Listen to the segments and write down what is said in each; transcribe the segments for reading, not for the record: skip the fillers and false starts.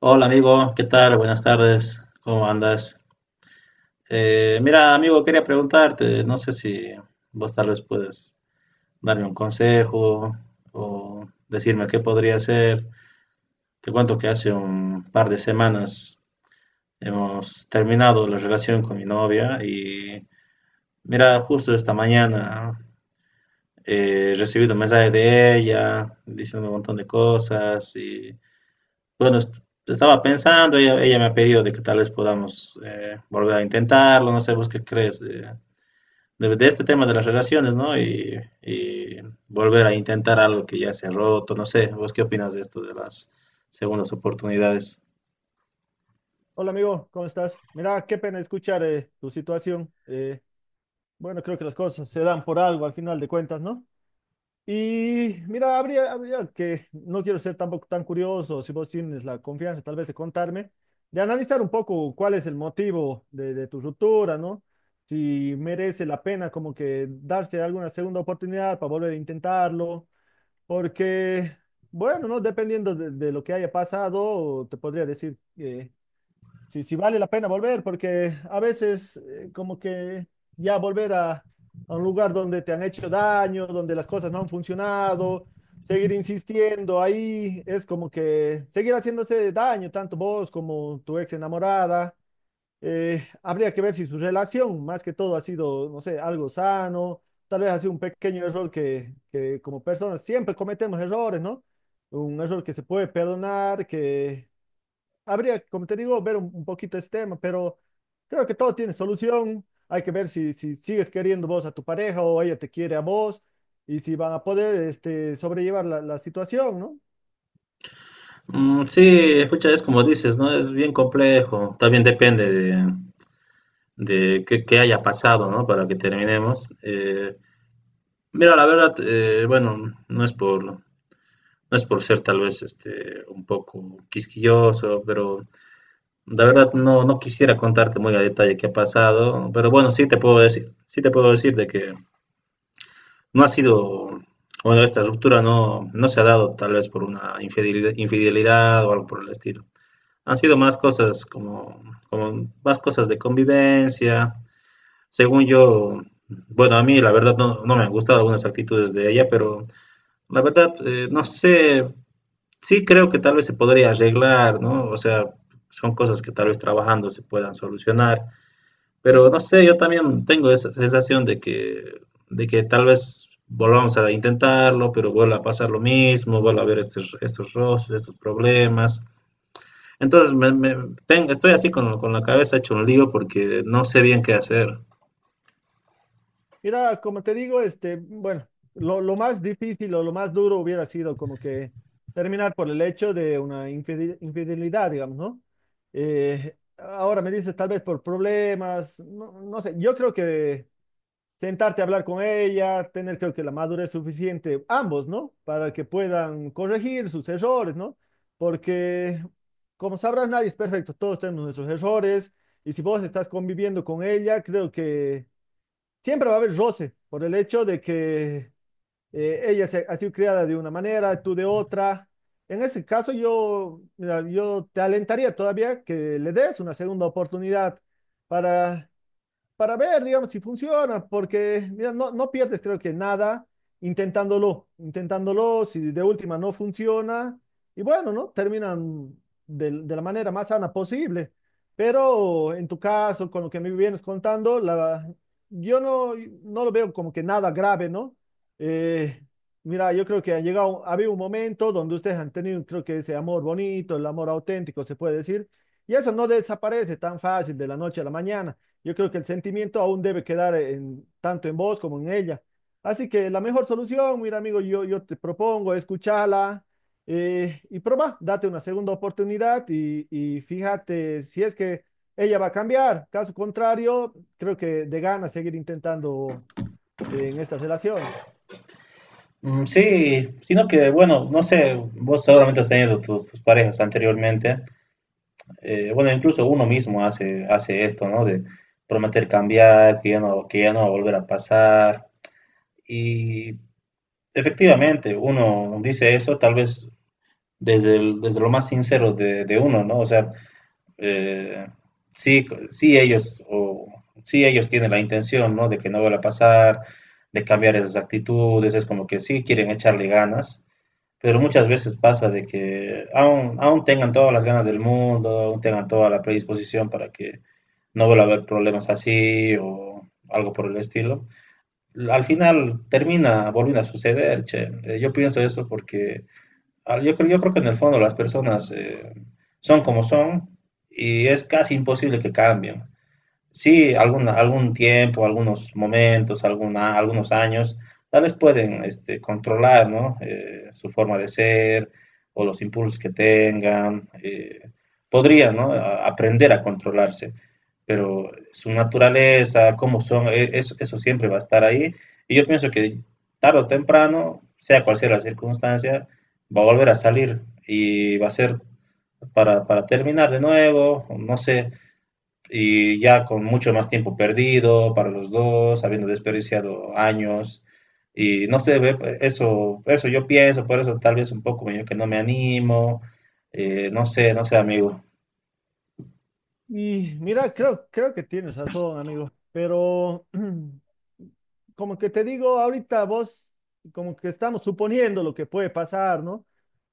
Hola amigo, ¿qué tal? Buenas tardes, ¿cómo andas? Mira amigo, quería preguntarte, no sé si vos tal vez puedes darme un consejo o decirme qué podría hacer. Te cuento que hace un par de semanas hemos terminado la relación con mi novia y mira, justo esta mañana he recibido un mensaje de ella diciendo un montón de cosas y bueno, estaba pensando, ella me ha pedido de que tal vez podamos volver a intentarlo, no sé vos qué crees de este tema de las relaciones, ¿no? Y volver a intentar algo que ya se ha roto, no sé, vos qué opinas de esto de las segundas oportunidades. Hola amigo, ¿cómo estás? Mira, qué pena escuchar tu situación. Bueno, creo que las cosas se dan por algo al final de cuentas, ¿no? Y mira, habría que, no quiero ser tampoco tan curioso, si vos tienes la confianza tal vez de contarme, de analizar un poco cuál es el motivo de tu ruptura, ¿no? Si merece la pena como que darse alguna segunda oportunidad para volver a intentarlo, porque, bueno, ¿no? Dependiendo de lo que haya pasado, te podría decir que si vale la pena volver, porque a veces como que ya a un lugar donde te han hecho daño, donde las cosas no han funcionado, seguir insistiendo ahí es como que seguir haciéndose daño, tanto vos como tu ex enamorada. Habría que ver si su relación, más que todo, ha sido, no sé, algo sano, tal vez ha sido un pequeño error que como personas siempre cometemos errores, ¿no? Un error que se puede perdonar, que habría, como te digo, ver un poquito este tema, pero creo que todo tiene solución. Hay que ver si sigues queriendo vos a tu pareja o ella te quiere a vos, y si van a poder este, sobrellevar la situación, ¿no? Mm, sí, escucha, es como dices, ¿no? Es bien complejo, también depende de qué haya pasado, ¿no? Para que terminemos. Mira, la verdad, bueno, no es por... No es por ser tal vez este, un poco quisquilloso, pero la verdad no quisiera contarte muy a detalle qué ha pasado, pero bueno, sí te puedo decir de que no ha sido, bueno, esta ruptura no se ha dado tal vez por una infidelidad o algo por el estilo. Han sido más cosas como, como más cosas de convivencia. Según yo, bueno, a mí la verdad no me han gustado algunas actitudes de ella, pero la verdad no sé, sí, creo que tal vez se podría arreglar, ¿no? O sea, son cosas que tal vez trabajando se puedan solucionar, pero no sé, yo también tengo esa sensación de que tal vez volvamos a intentarlo, pero vuelva a pasar lo mismo, vuelva a haber estos roces, estos problemas. Entonces, estoy así con la cabeza hecho un lío porque no sé bien qué hacer. Mira, como te digo, este, bueno, lo más difícil o lo más duro hubiera sido como que terminar por el hecho de una infidelidad, digamos, ¿no? Ahora me dices tal vez por problemas, no sé, yo creo que sentarte a hablar con ella, tener creo que la madurez suficiente, ambos, ¿no? Para que puedan corregir sus errores, ¿no? Porque, como sabrás, nadie es perfecto, todos tenemos nuestros errores, y si vos estás conviviendo con ella, creo que siempre va a haber roce por el hecho de que ella se, ha sido criada de una manera, tú de otra. En ese caso, yo, mira, yo te alentaría todavía que le des una segunda oportunidad para para ver, digamos, si funciona, porque, mira, no pierdes creo que nada intentándolo, si de última no funciona, y bueno, ¿no? Terminan de la manera más sana posible. Pero en tu caso, con lo que me vienes contando, la, yo no, no lo veo como que nada grave, ¿no? Eh, mira, yo creo que ha llegado, ha habido un momento donde ustedes han tenido, creo que ese amor bonito, el amor auténtico, se puede decir, y eso no desaparece tan fácil de la noche a la mañana. Yo creo que el sentimiento aún debe quedar en, tanto en vos como en ella. Así que la mejor solución, mira amigo, yo te propongo escucharla y probar, date una segunda oportunidad y fíjate si es que ella va a cambiar. Caso contrario, creo que de ganas seguir intentando en esta relación. Mm, sí, sino que, bueno, no sé, vos seguramente has tenido tus parejas anteriormente. Bueno, incluso uno mismo hace esto, ¿no? De prometer cambiar, que ya no va a volver a pasar. Y efectivamente, uno dice eso tal vez desde lo más sincero de uno, ¿no? O sea, eh, sí, sí ellos, o, sí ellos tienen la intención, ¿no? De que no vuelva a pasar, de cambiar esas actitudes, es como que sí quieren echarle ganas, pero muchas veces pasa de que aún tengan todas las ganas del mundo, aún tengan toda la predisposición para que no vuelva a haber problemas así o algo por el estilo. Al final termina volviendo a suceder, che. Yo pienso eso porque yo creo que en el fondo las personas son como son y es casi imposible que cambien. Sí, algún, algún tiempo, algunos momentos, alguna, algunos años, tal vez pueden este, controlar, ¿no? Su forma de ser o los impulsos que tengan. Podrían, ¿no? Aprender a controlarse, pero su naturaleza, cómo son, eso, eso siempre va a estar ahí. Y yo pienso que tarde o temprano, sea cual sea la circunstancia, va a volver a salir y va a ser para terminar de nuevo, no sé, y ya con mucho más tiempo perdido para los dos, habiendo desperdiciado años. Y no sé, ve, eso yo pienso, por eso tal vez un poco medio que no me animo, no sé, amigo. Y mira, creo que tienes razón, amigo, pero como que te digo, ahorita vos, como que estamos suponiendo lo que puede pasar, ¿no?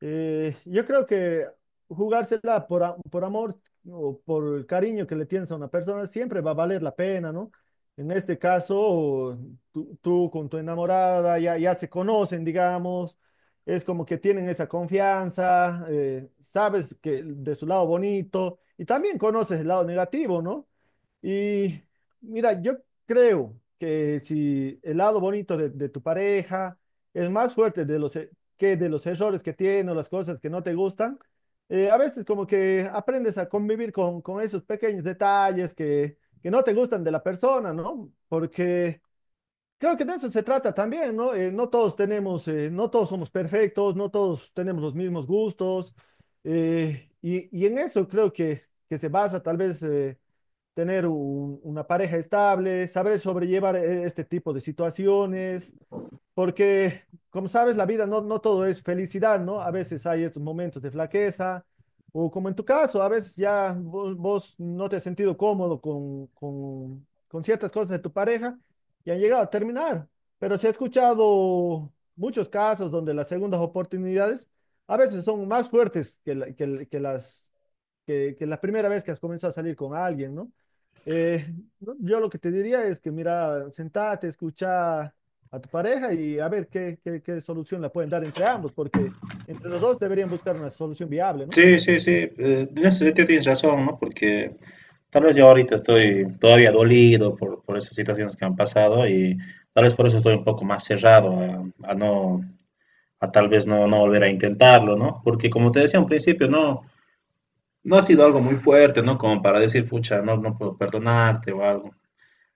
Yo creo que jugársela por amor o por el cariño que le tienes a una persona siempre va a valer la pena, ¿no? En este caso, tú con tu enamorada ya se conocen, digamos, es como que tienen esa confianza, sabes que de su lado bonito y también conoces el lado negativo, ¿no? Y mira, yo creo que si el lado bonito de tu pareja es más fuerte de los, que de los errores que tiene o las cosas que no te gustan, a veces como que aprendes a convivir con esos pequeños detalles que no te gustan de la persona, ¿no? Porque creo que de eso se trata también, ¿no? No todos tenemos, no todos somos perfectos, no todos tenemos los mismos gustos, y en eso creo que se basa tal vez tener una pareja estable, saber sobrellevar este tipo de situaciones, porque como sabes, la vida no, no todo es felicidad, ¿no? A veces hay estos momentos de flaqueza, o como en tu caso, a veces ya vos, vos no te has sentido cómodo con ciertas cosas de tu pareja y han llegado a terminar, pero se ha escuchado muchos casos donde las segundas oportunidades a veces son más fuertes que, que las que la primera vez que has comenzado a salir con alguien, ¿no? Eh, no, yo lo que te diría es que, mira, sentate, escucha a tu pareja y a ver qué, qué, qué solución la pueden dar entre ambos, porque entre los dos deberían buscar una solución viable, ¿no? Sí, sí, sí, en ese sentido tienes razón, ¿no? Porque tal vez yo ahorita estoy todavía dolido por esas situaciones que han pasado y tal vez por eso estoy un poco más cerrado a tal vez no volver a intentarlo, ¿no? Porque como te decía al principio, no, no ha sido algo muy fuerte, ¿no? Como para decir, pucha, no puedo perdonarte o algo.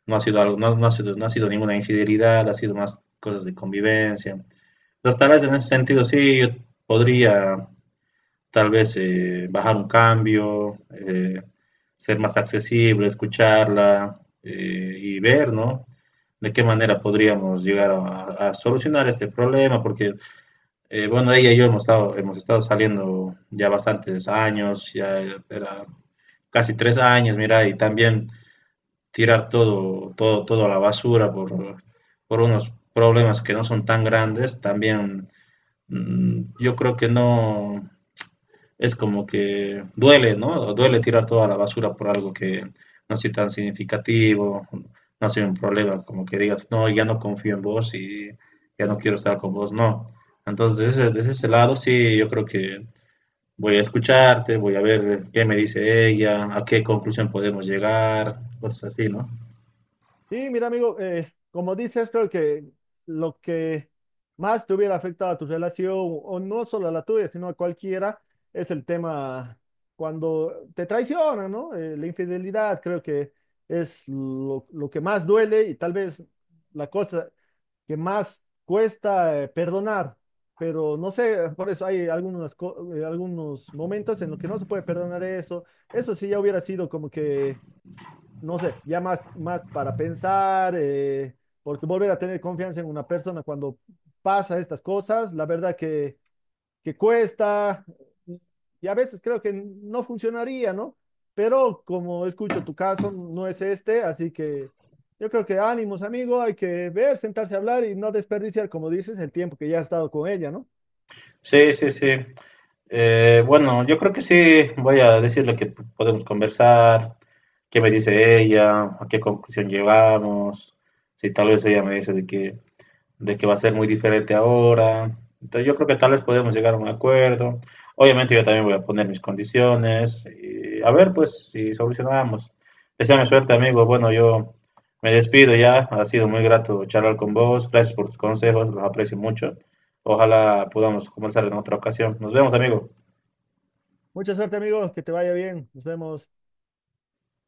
No ha sido algo, no ha sido ninguna infidelidad, ha sido más cosas de convivencia. Entonces, tal vez en ese sentido sí, yo podría tal vez bajar un cambio, ser más accesible, escucharla y ver, ¿no? De qué manera podríamos llegar a solucionar este problema, porque, bueno, ella y yo hemos estado saliendo ya bastantes años, ya era casi 3 años, mira, y también tirar todo a la basura por unos problemas que no son tan grandes, también mmm, yo creo que no, es como que duele, ¿no? Duele tirar toda la basura por algo que no sea tan significativo, no sea un problema, como que digas, no, ya no confío en vos y ya no quiero estar con vos, no. Entonces, desde ese lado, sí, yo creo que voy a escucharte, voy a ver qué me dice ella, a qué conclusión podemos llegar, cosas así, ¿no? Sí, mira, amigo, como dices, creo que lo que más te hubiera afectado a tu relación, o no solo a la tuya, sino a cualquiera, es el tema cuando te traicionan, ¿no? La infidelidad creo que es lo que más duele y tal vez la cosa que más cuesta perdonar, pero no sé, por eso hay algunos momentos en los que no se puede perdonar eso. Eso sí ya hubiera sido como que no sé, ya más para pensar, porque volver a tener confianza en una persona cuando pasa estas cosas, la verdad que cuesta y a veces creo que no funcionaría, ¿no? Pero como escucho tu caso, no es este, así que yo creo que ánimos, amigo, hay que ver, sentarse a hablar y no desperdiciar, como dices, el tiempo que ya has estado con ella, ¿no? Sí, sí, sí. Bueno, yo creo que sí, voy a decirle que podemos conversar, qué me dice ella, a qué conclusión llegamos, si tal vez ella me dice de que va a ser muy diferente ahora. Entonces yo creo que tal vez podemos llegar a un acuerdo. Obviamente yo también voy a poner mis condiciones y a ver pues si solucionamos. Deseame suerte amigo. Bueno, yo me despido ya. Ha sido muy grato charlar con vos. Gracias por tus consejos, los aprecio mucho. Ojalá podamos conversar en otra ocasión. Nos vemos amigo. Mucha suerte, amigo, que te vaya bien, nos vemos.